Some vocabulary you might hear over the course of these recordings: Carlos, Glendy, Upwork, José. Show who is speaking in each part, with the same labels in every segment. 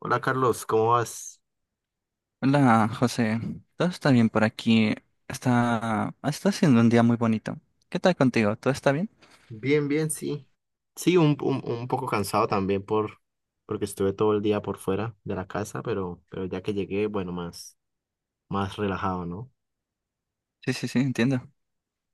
Speaker 1: Hola Carlos, ¿cómo vas?
Speaker 2: Hola, José. ¿Todo está bien por aquí? Está siendo un día muy bonito. ¿Qué tal contigo? ¿Todo está bien?
Speaker 1: Bien, bien, sí. Sí, un poco cansado también porque estuve todo el día por fuera de la casa, pero ya que llegué, bueno, más, más relajado, ¿no?
Speaker 2: Sí, sí, sí, entiendo.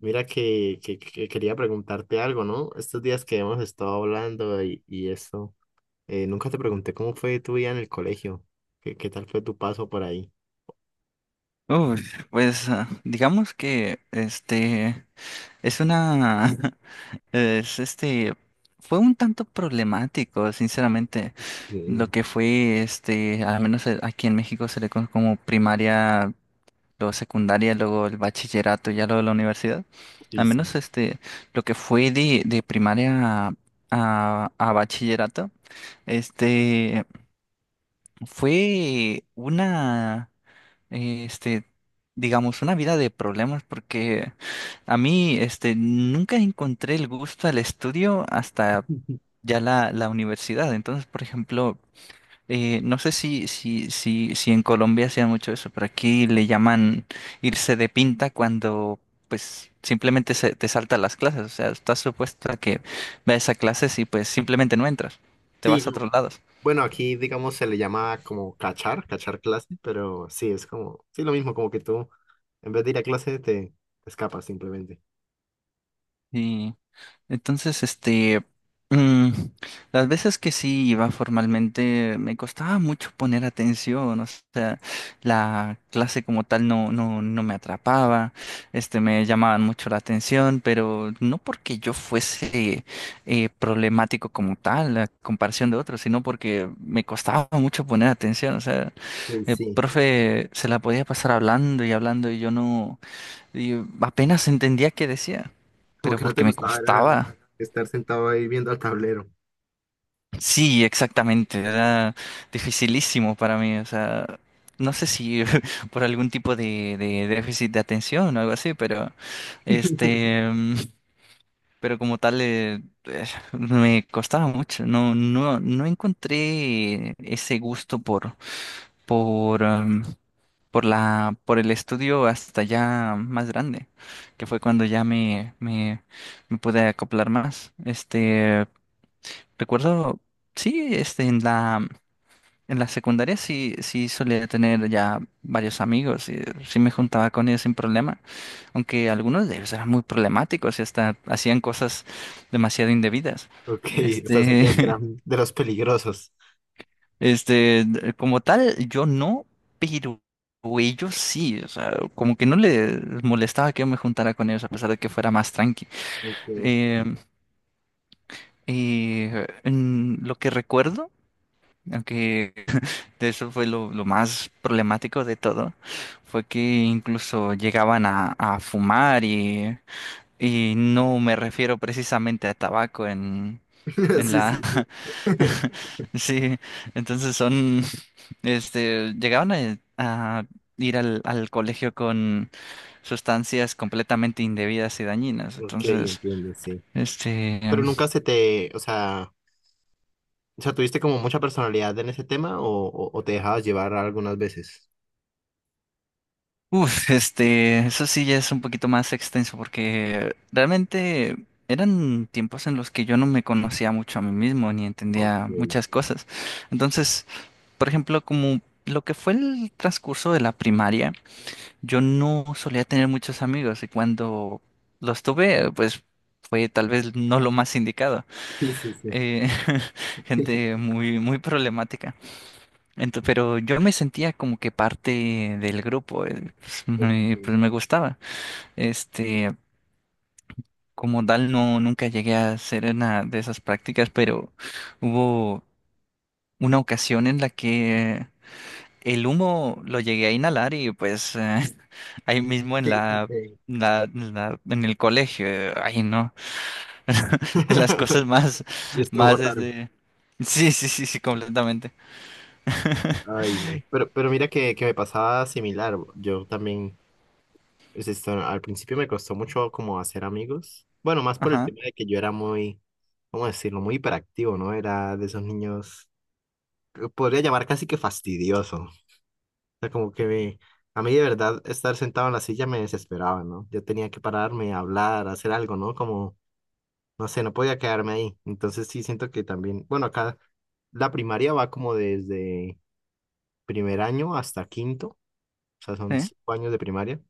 Speaker 1: Mira que quería preguntarte algo, ¿no? Estos días que hemos estado hablando y eso, nunca te pregunté cómo fue tu vida en el colegio, qué tal fue tu paso por ahí.
Speaker 2: Uy, pues digamos que este es una es este fue un tanto problemático, sinceramente, lo
Speaker 1: Mm.
Speaker 2: que fue al menos aquí en México se le conoce como primaria, luego secundaria, luego el bachillerato y ya luego la universidad.
Speaker 1: Sí,
Speaker 2: Al
Speaker 1: sí.
Speaker 2: menos lo que fue de primaria a bachillerato, este, fue eh, este, digamos, una vida de problemas porque a mí, nunca encontré el gusto al estudio hasta ya la universidad. Entonces, por ejemplo, no sé si en Colombia hacían mucho eso, pero aquí le llaman irse de pinta cuando pues simplemente se te saltan las clases. O sea, estás supuesto a que vayas a clases y pues simplemente no entras. Te
Speaker 1: Sí,
Speaker 2: vas a
Speaker 1: no.
Speaker 2: otros lados.
Speaker 1: Bueno, aquí, digamos, se le llama como cachar, cachar clase, pero sí, es como, sí, lo mismo, como que tú, en vez de ir a clase, te, escapas simplemente.
Speaker 2: Y Entonces, mm, las veces que sí iba formalmente me costaba mucho poner atención, o sea, la clase como tal no me atrapaba, me llamaban mucho la atención, pero no porque yo fuese problemático como tal, a comparación de otros, sino porque me costaba mucho poner atención, o sea,
Speaker 1: Y
Speaker 2: el
Speaker 1: sí,
Speaker 2: profe se la podía pasar hablando y hablando y yo no, y apenas entendía qué decía,
Speaker 1: como
Speaker 2: pero
Speaker 1: que no te
Speaker 2: porque me
Speaker 1: gustaba era
Speaker 2: costaba.
Speaker 1: estar sentado ahí viendo al tablero.
Speaker 2: Sí, exactamente. Era dificilísimo para mí. O sea, no sé si por algún tipo de déficit de atención o algo así, pero este, mm, pero como tal me costaba mucho. No, no encontré ese gusto por por por el estudio hasta ya más grande, que fue cuando ya me pude acoplar más. Recuerdo, sí, en la secundaria sí, sí solía tener ya varios amigos y sí me juntaba con ellos sin problema, aunque algunos de ellos eran muy problemáticos y hasta hacían cosas demasiado indebidas.
Speaker 1: Ok, o sea, sentías que
Speaker 2: Este,
Speaker 1: eran de los peligrosos.
Speaker 2: este, como tal, yo no, pero ellos sí, o sea, como que no les molestaba que yo me juntara con ellos a pesar de que fuera más tranqui.
Speaker 1: Ok,
Speaker 2: Eh, en lo que recuerdo, aunque eso fue lo más problemático de todo, fue que incluso llegaban a fumar y no me refiero precisamente a tabaco en
Speaker 1: sí,
Speaker 2: la...
Speaker 1: sí, sí.
Speaker 2: Sí, entonces son, llegaban a ir al colegio con sustancias completamente indebidas y dañinas,
Speaker 1: Ok,
Speaker 2: entonces,
Speaker 1: entiendo, sí.
Speaker 2: este...
Speaker 1: Pero nunca se te, o sea, ¿tuviste como mucha personalidad en ese tema o te dejabas llevar algunas veces?
Speaker 2: Uf, eso sí ya es un poquito más extenso porque realmente eran tiempos en los que yo no me conocía mucho a mí mismo ni
Speaker 1: Ok,
Speaker 2: entendía muchas cosas. Entonces, por ejemplo, como lo que fue el transcurso de la primaria, yo no solía tener muchos amigos y cuando los tuve, pues fue tal vez no lo más indicado.
Speaker 1: sí, sí, sí.
Speaker 2: Eh, gente muy, muy problemática. Pero yo me sentía como que parte del grupo, pues
Speaker 1: Ok.
Speaker 2: me gustaba. Este, como tal, no, nunca llegué a hacer una de esas prácticas, pero hubo una ocasión en la que el humo lo llegué a inhalar y pues ahí mismo en
Speaker 1: Sí, sí,
Speaker 2: la,
Speaker 1: sí.
Speaker 2: en el colegio, ay no, de las cosas más,
Speaker 1: Y estuvo
Speaker 2: más
Speaker 1: raro.
Speaker 2: desde... Sí, sí, sí, sí, completamente.
Speaker 1: Ay, no. Pero mira que me pasaba similar. Yo también, pues, esto, al principio me costó mucho como hacer amigos. Bueno, más por el
Speaker 2: Ajá,
Speaker 1: tema de que yo era muy, ¿cómo decirlo? Muy hiperactivo, ¿no? Era de esos niños, podría llamar casi que fastidioso. O sea, como que me- a mí de verdad estar sentado en la silla me desesperaba, ¿no? Yo tenía que pararme, hablar, hacer algo, ¿no? Como, no sé, no podía quedarme ahí. Entonces sí siento que también, bueno, acá la primaria va como desde primer año hasta quinto, o sea, son
Speaker 2: sí,
Speaker 1: cinco años de primaria.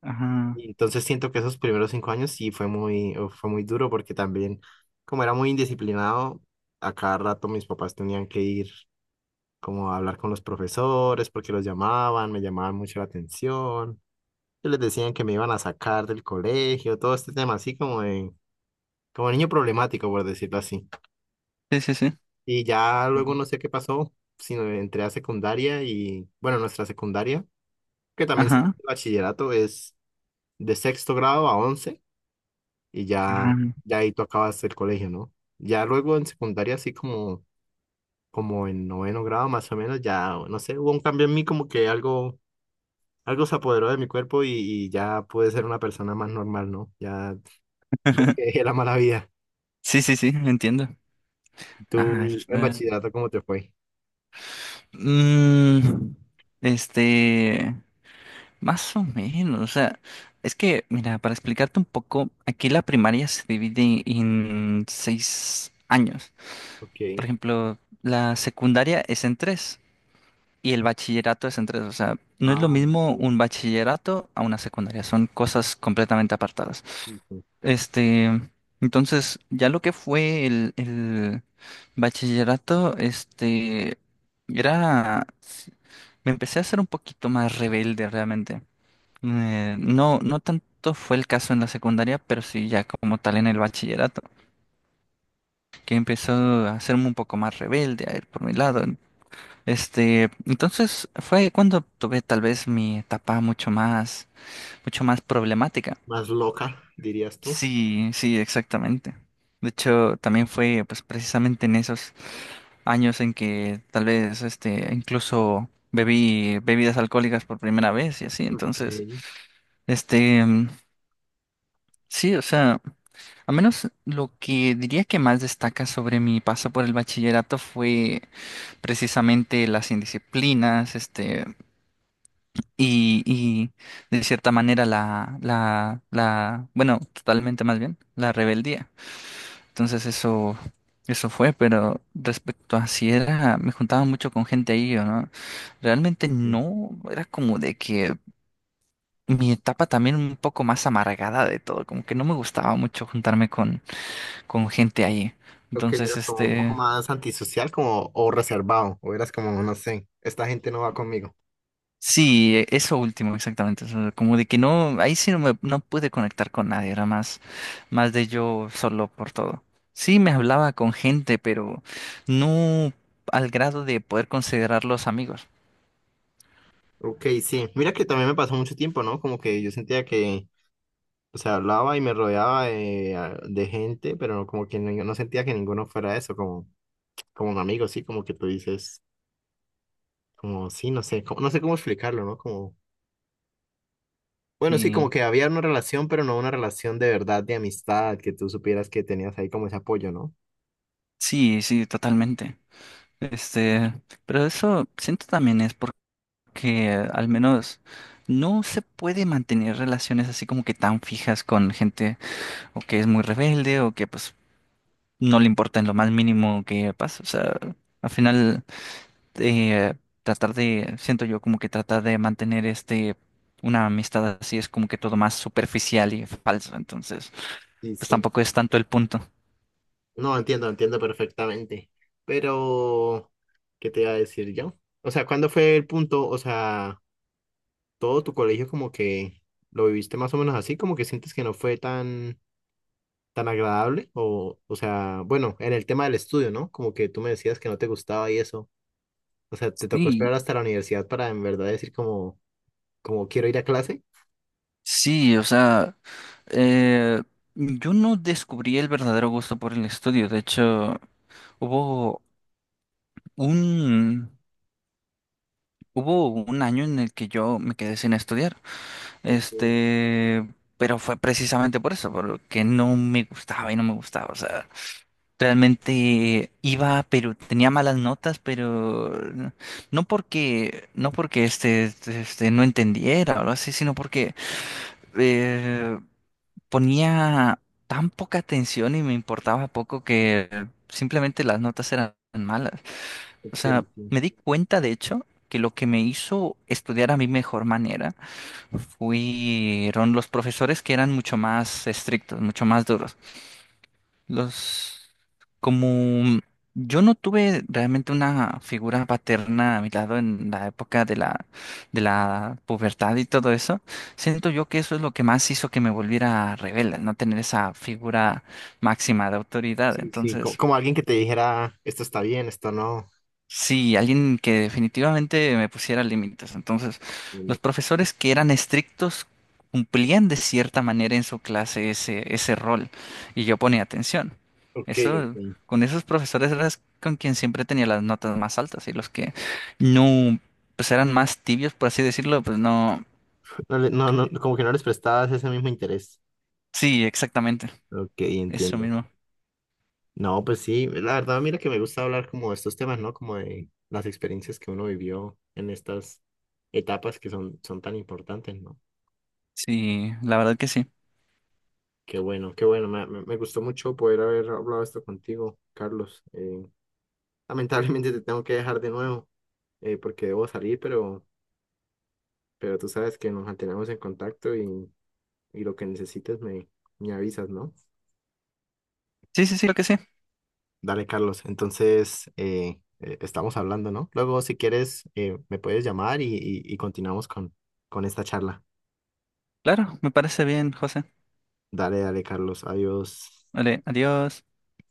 Speaker 2: ajá,
Speaker 1: Y entonces siento que esos primeros cinco años sí fue muy duro porque también, como era muy indisciplinado, a cada rato mis papás tenían que ir como a hablar con los profesores porque los llamaban, me llamaban mucho la atención, y les decían que me iban a sacar del colegio, todo este tema así como de, como niño problemático, por decirlo así.
Speaker 2: sí, sí, sí.
Speaker 1: Y ya luego no sé qué pasó, sino entré a secundaria y, bueno, nuestra secundaria que también se-
Speaker 2: Ajá,
Speaker 1: bachillerato es de sexto grado a once y
Speaker 2: ajá.
Speaker 1: ya, ya ahí tú acabas el colegio, ¿no? Ya luego en secundaria, así como, como en noveno grado más o menos, ya, no sé, hubo un cambio en mí como que algo, algo se apoderó de mi cuerpo y ya pude ser una persona más normal, ¿no? Ya como que dejé la mala vida.
Speaker 2: Sí, sí, sí, entiendo.
Speaker 1: ¿Y
Speaker 2: Ah, eso
Speaker 1: tú en
Speaker 2: está.
Speaker 1: bachillerato cómo te fue?
Speaker 2: Mm, este, más o menos, o sea, es que, mira, para explicarte un poco, aquí la primaria se divide en 6 años. Por
Speaker 1: Ok.
Speaker 2: ejemplo, la secundaria es en tres y el bachillerato es en tres. O sea, no es lo
Speaker 1: Ah,
Speaker 2: mismo
Speaker 1: ok.
Speaker 2: un bachillerato a una secundaria, son cosas completamente apartadas.
Speaker 1: Ujú.
Speaker 2: Este, entonces, ya lo que fue el bachillerato, era, me empecé a ser un poquito más rebelde realmente. No, no tanto fue el caso en la secundaria, pero sí ya como tal en el bachillerato, que empezó a hacerme un poco más rebelde, a ir por mi lado. Entonces fue cuando tuve tal vez mi etapa mucho más problemática.
Speaker 1: Más loca, dirías tú.
Speaker 2: Sí, sí, exactamente. De hecho, también fue pues precisamente en esos años en que tal vez incluso bebí bebidas alcohólicas por primera vez y así. Entonces,
Speaker 1: Ok.
Speaker 2: este mm, sí, o sea, a menos lo que diría que más destaca sobre mi paso por el bachillerato fue precisamente las indisciplinas, y de cierta manera totalmente más bien, la rebeldía. Entonces eso fue, pero respecto a si era, me juntaba mucho con gente ahí o no, realmente
Speaker 1: Ujú.
Speaker 2: no, era como de que mi etapa también un poco más amargada de todo, como que no me gustaba mucho juntarme con gente ahí.
Speaker 1: Creo que
Speaker 2: Entonces,
Speaker 1: eras como un poco más antisocial como, o reservado, o eras como, no sé, esta gente no va conmigo.
Speaker 2: sí, eso último, exactamente, eso, como de que no, ahí sí no pude conectar con nadie, era más, más de yo solo por todo. Sí, me hablaba con gente, pero no al grado de poder considerarlos amigos.
Speaker 1: Ok, sí. Mira que también me pasó mucho tiempo, ¿no? Como que yo sentía que, o sea, hablaba y me rodeaba de, a- de gente, pero como que no, no sentía que ninguno fuera eso, como, como un amigo, sí, como que tú dices, como, sí, no sé, como- no sé cómo explicarlo, ¿no? Como, bueno, sí, como
Speaker 2: Sí,
Speaker 1: que había una relación, pero no una relación de verdad, de amistad, que tú supieras que tenías ahí como ese apoyo, ¿no?
Speaker 2: sí, sí, totalmente. Este, pero eso siento también es porque al menos no se puede mantener relaciones así como que tan fijas con gente o que es muy rebelde o que pues no le importa en lo más mínimo que pasa. O sea, al final eh, siento yo como que tratar de mantener una amistad así es como que todo más superficial y falso. Entonces,
Speaker 1: Sí,
Speaker 2: pues
Speaker 1: sí.
Speaker 2: tampoco es tanto el punto.
Speaker 1: No, entiendo, entiendo perfectamente. Pero, ¿qué te iba a decir yo? O sea, ¿cuándo fue el punto? O sea, todo tu colegio como que lo viviste más o menos así, como que sientes que no fue tan, tan agradable, o sea, bueno, en el tema del estudio, ¿no? Como que tú me decías que no te gustaba y eso, o sea, ¿te tocó
Speaker 2: Sí,
Speaker 1: esperar hasta la universidad para en verdad decir como, como quiero ir a clase?
Speaker 2: sí, o sea, eh, yo no descubrí el verdadero gusto por el estudio. De hecho, hubo un, hubo un año en el que yo me quedé sin estudiar.
Speaker 1: Ok,
Speaker 2: Este, pero fue precisamente por eso, porque no me gustaba y no me gustaba. O sea, realmente iba, pero tenía malas notas, pero no porque no entendiera o algo así, sino porque eh, ponía tan poca atención y me importaba poco que simplemente las notas eran malas. O
Speaker 1: ok,
Speaker 2: sea,
Speaker 1: sí.
Speaker 2: me di cuenta, de hecho, que lo que me hizo estudiar a mi mejor manera fueron los profesores que eran mucho más estrictos, mucho más duros. Los, como yo no tuve realmente una figura paterna a mi lado en la época de la pubertad y todo eso, siento yo que eso es lo que más hizo que me volviera rebelde, no tener esa figura máxima de autoridad.
Speaker 1: Sí, sí, co-
Speaker 2: Entonces,
Speaker 1: como, alguien que te dijera, esto está bien, esto no.
Speaker 2: sí, alguien que definitivamente me pusiera límites. Entonces,
Speaker 1: Mm.
Speaker 2: los profesores que eran estrictos cumplían de cierta manera en su clase ese rol y yo ponía atención.
Speaker 1: Ok,
Speaker 2: Eso,
Speaker 1: ok.
Speaker 2: con esos profesores eras con quien siempre tenía las notas más altas y los que no, pues eran más tibios, por así decirlo, pues no.
Speaker 1: No, le- no, no, como que no les prestabas ese mismo interés.
Speaker 2: Sí, exactamente.
Speaker 1: Ok,
Speaker 2: Eso
Speaker 1: entiendo.
Speaker 2: mismo.
Speaker 1: No, pues sí, la verdad, mira que me gusta hablar como de estos temas, ¿no? Como de las experiencias que uno vivió en estas etapas que son, son tan importantes, ¿no?
Speaker 2: Sí, la verdad que sí.
Speaker 1: Qué bueno, me gustó mucho poder haber hablado esto contigo, Carlos. Lamentablemente te tengo que dejar de nuevo, porque debo salir, pero tú sabes que nos mantenemos en contacto y lo que necesites me avisas, ¿no?
Speaker 2: Sí, sí, sí, creo que sí.
Speaker 1: Dale, Carlos. Entonces, estamos hablando, ¿no? Luego, si quieres, me puedes llamar y continuamos con esta charla.
Speaker 2: Claro, me parece bien, José.
Speaker 1: Dale, dale, Carlos. Adiós.
Speaker 2: Vale, adiós.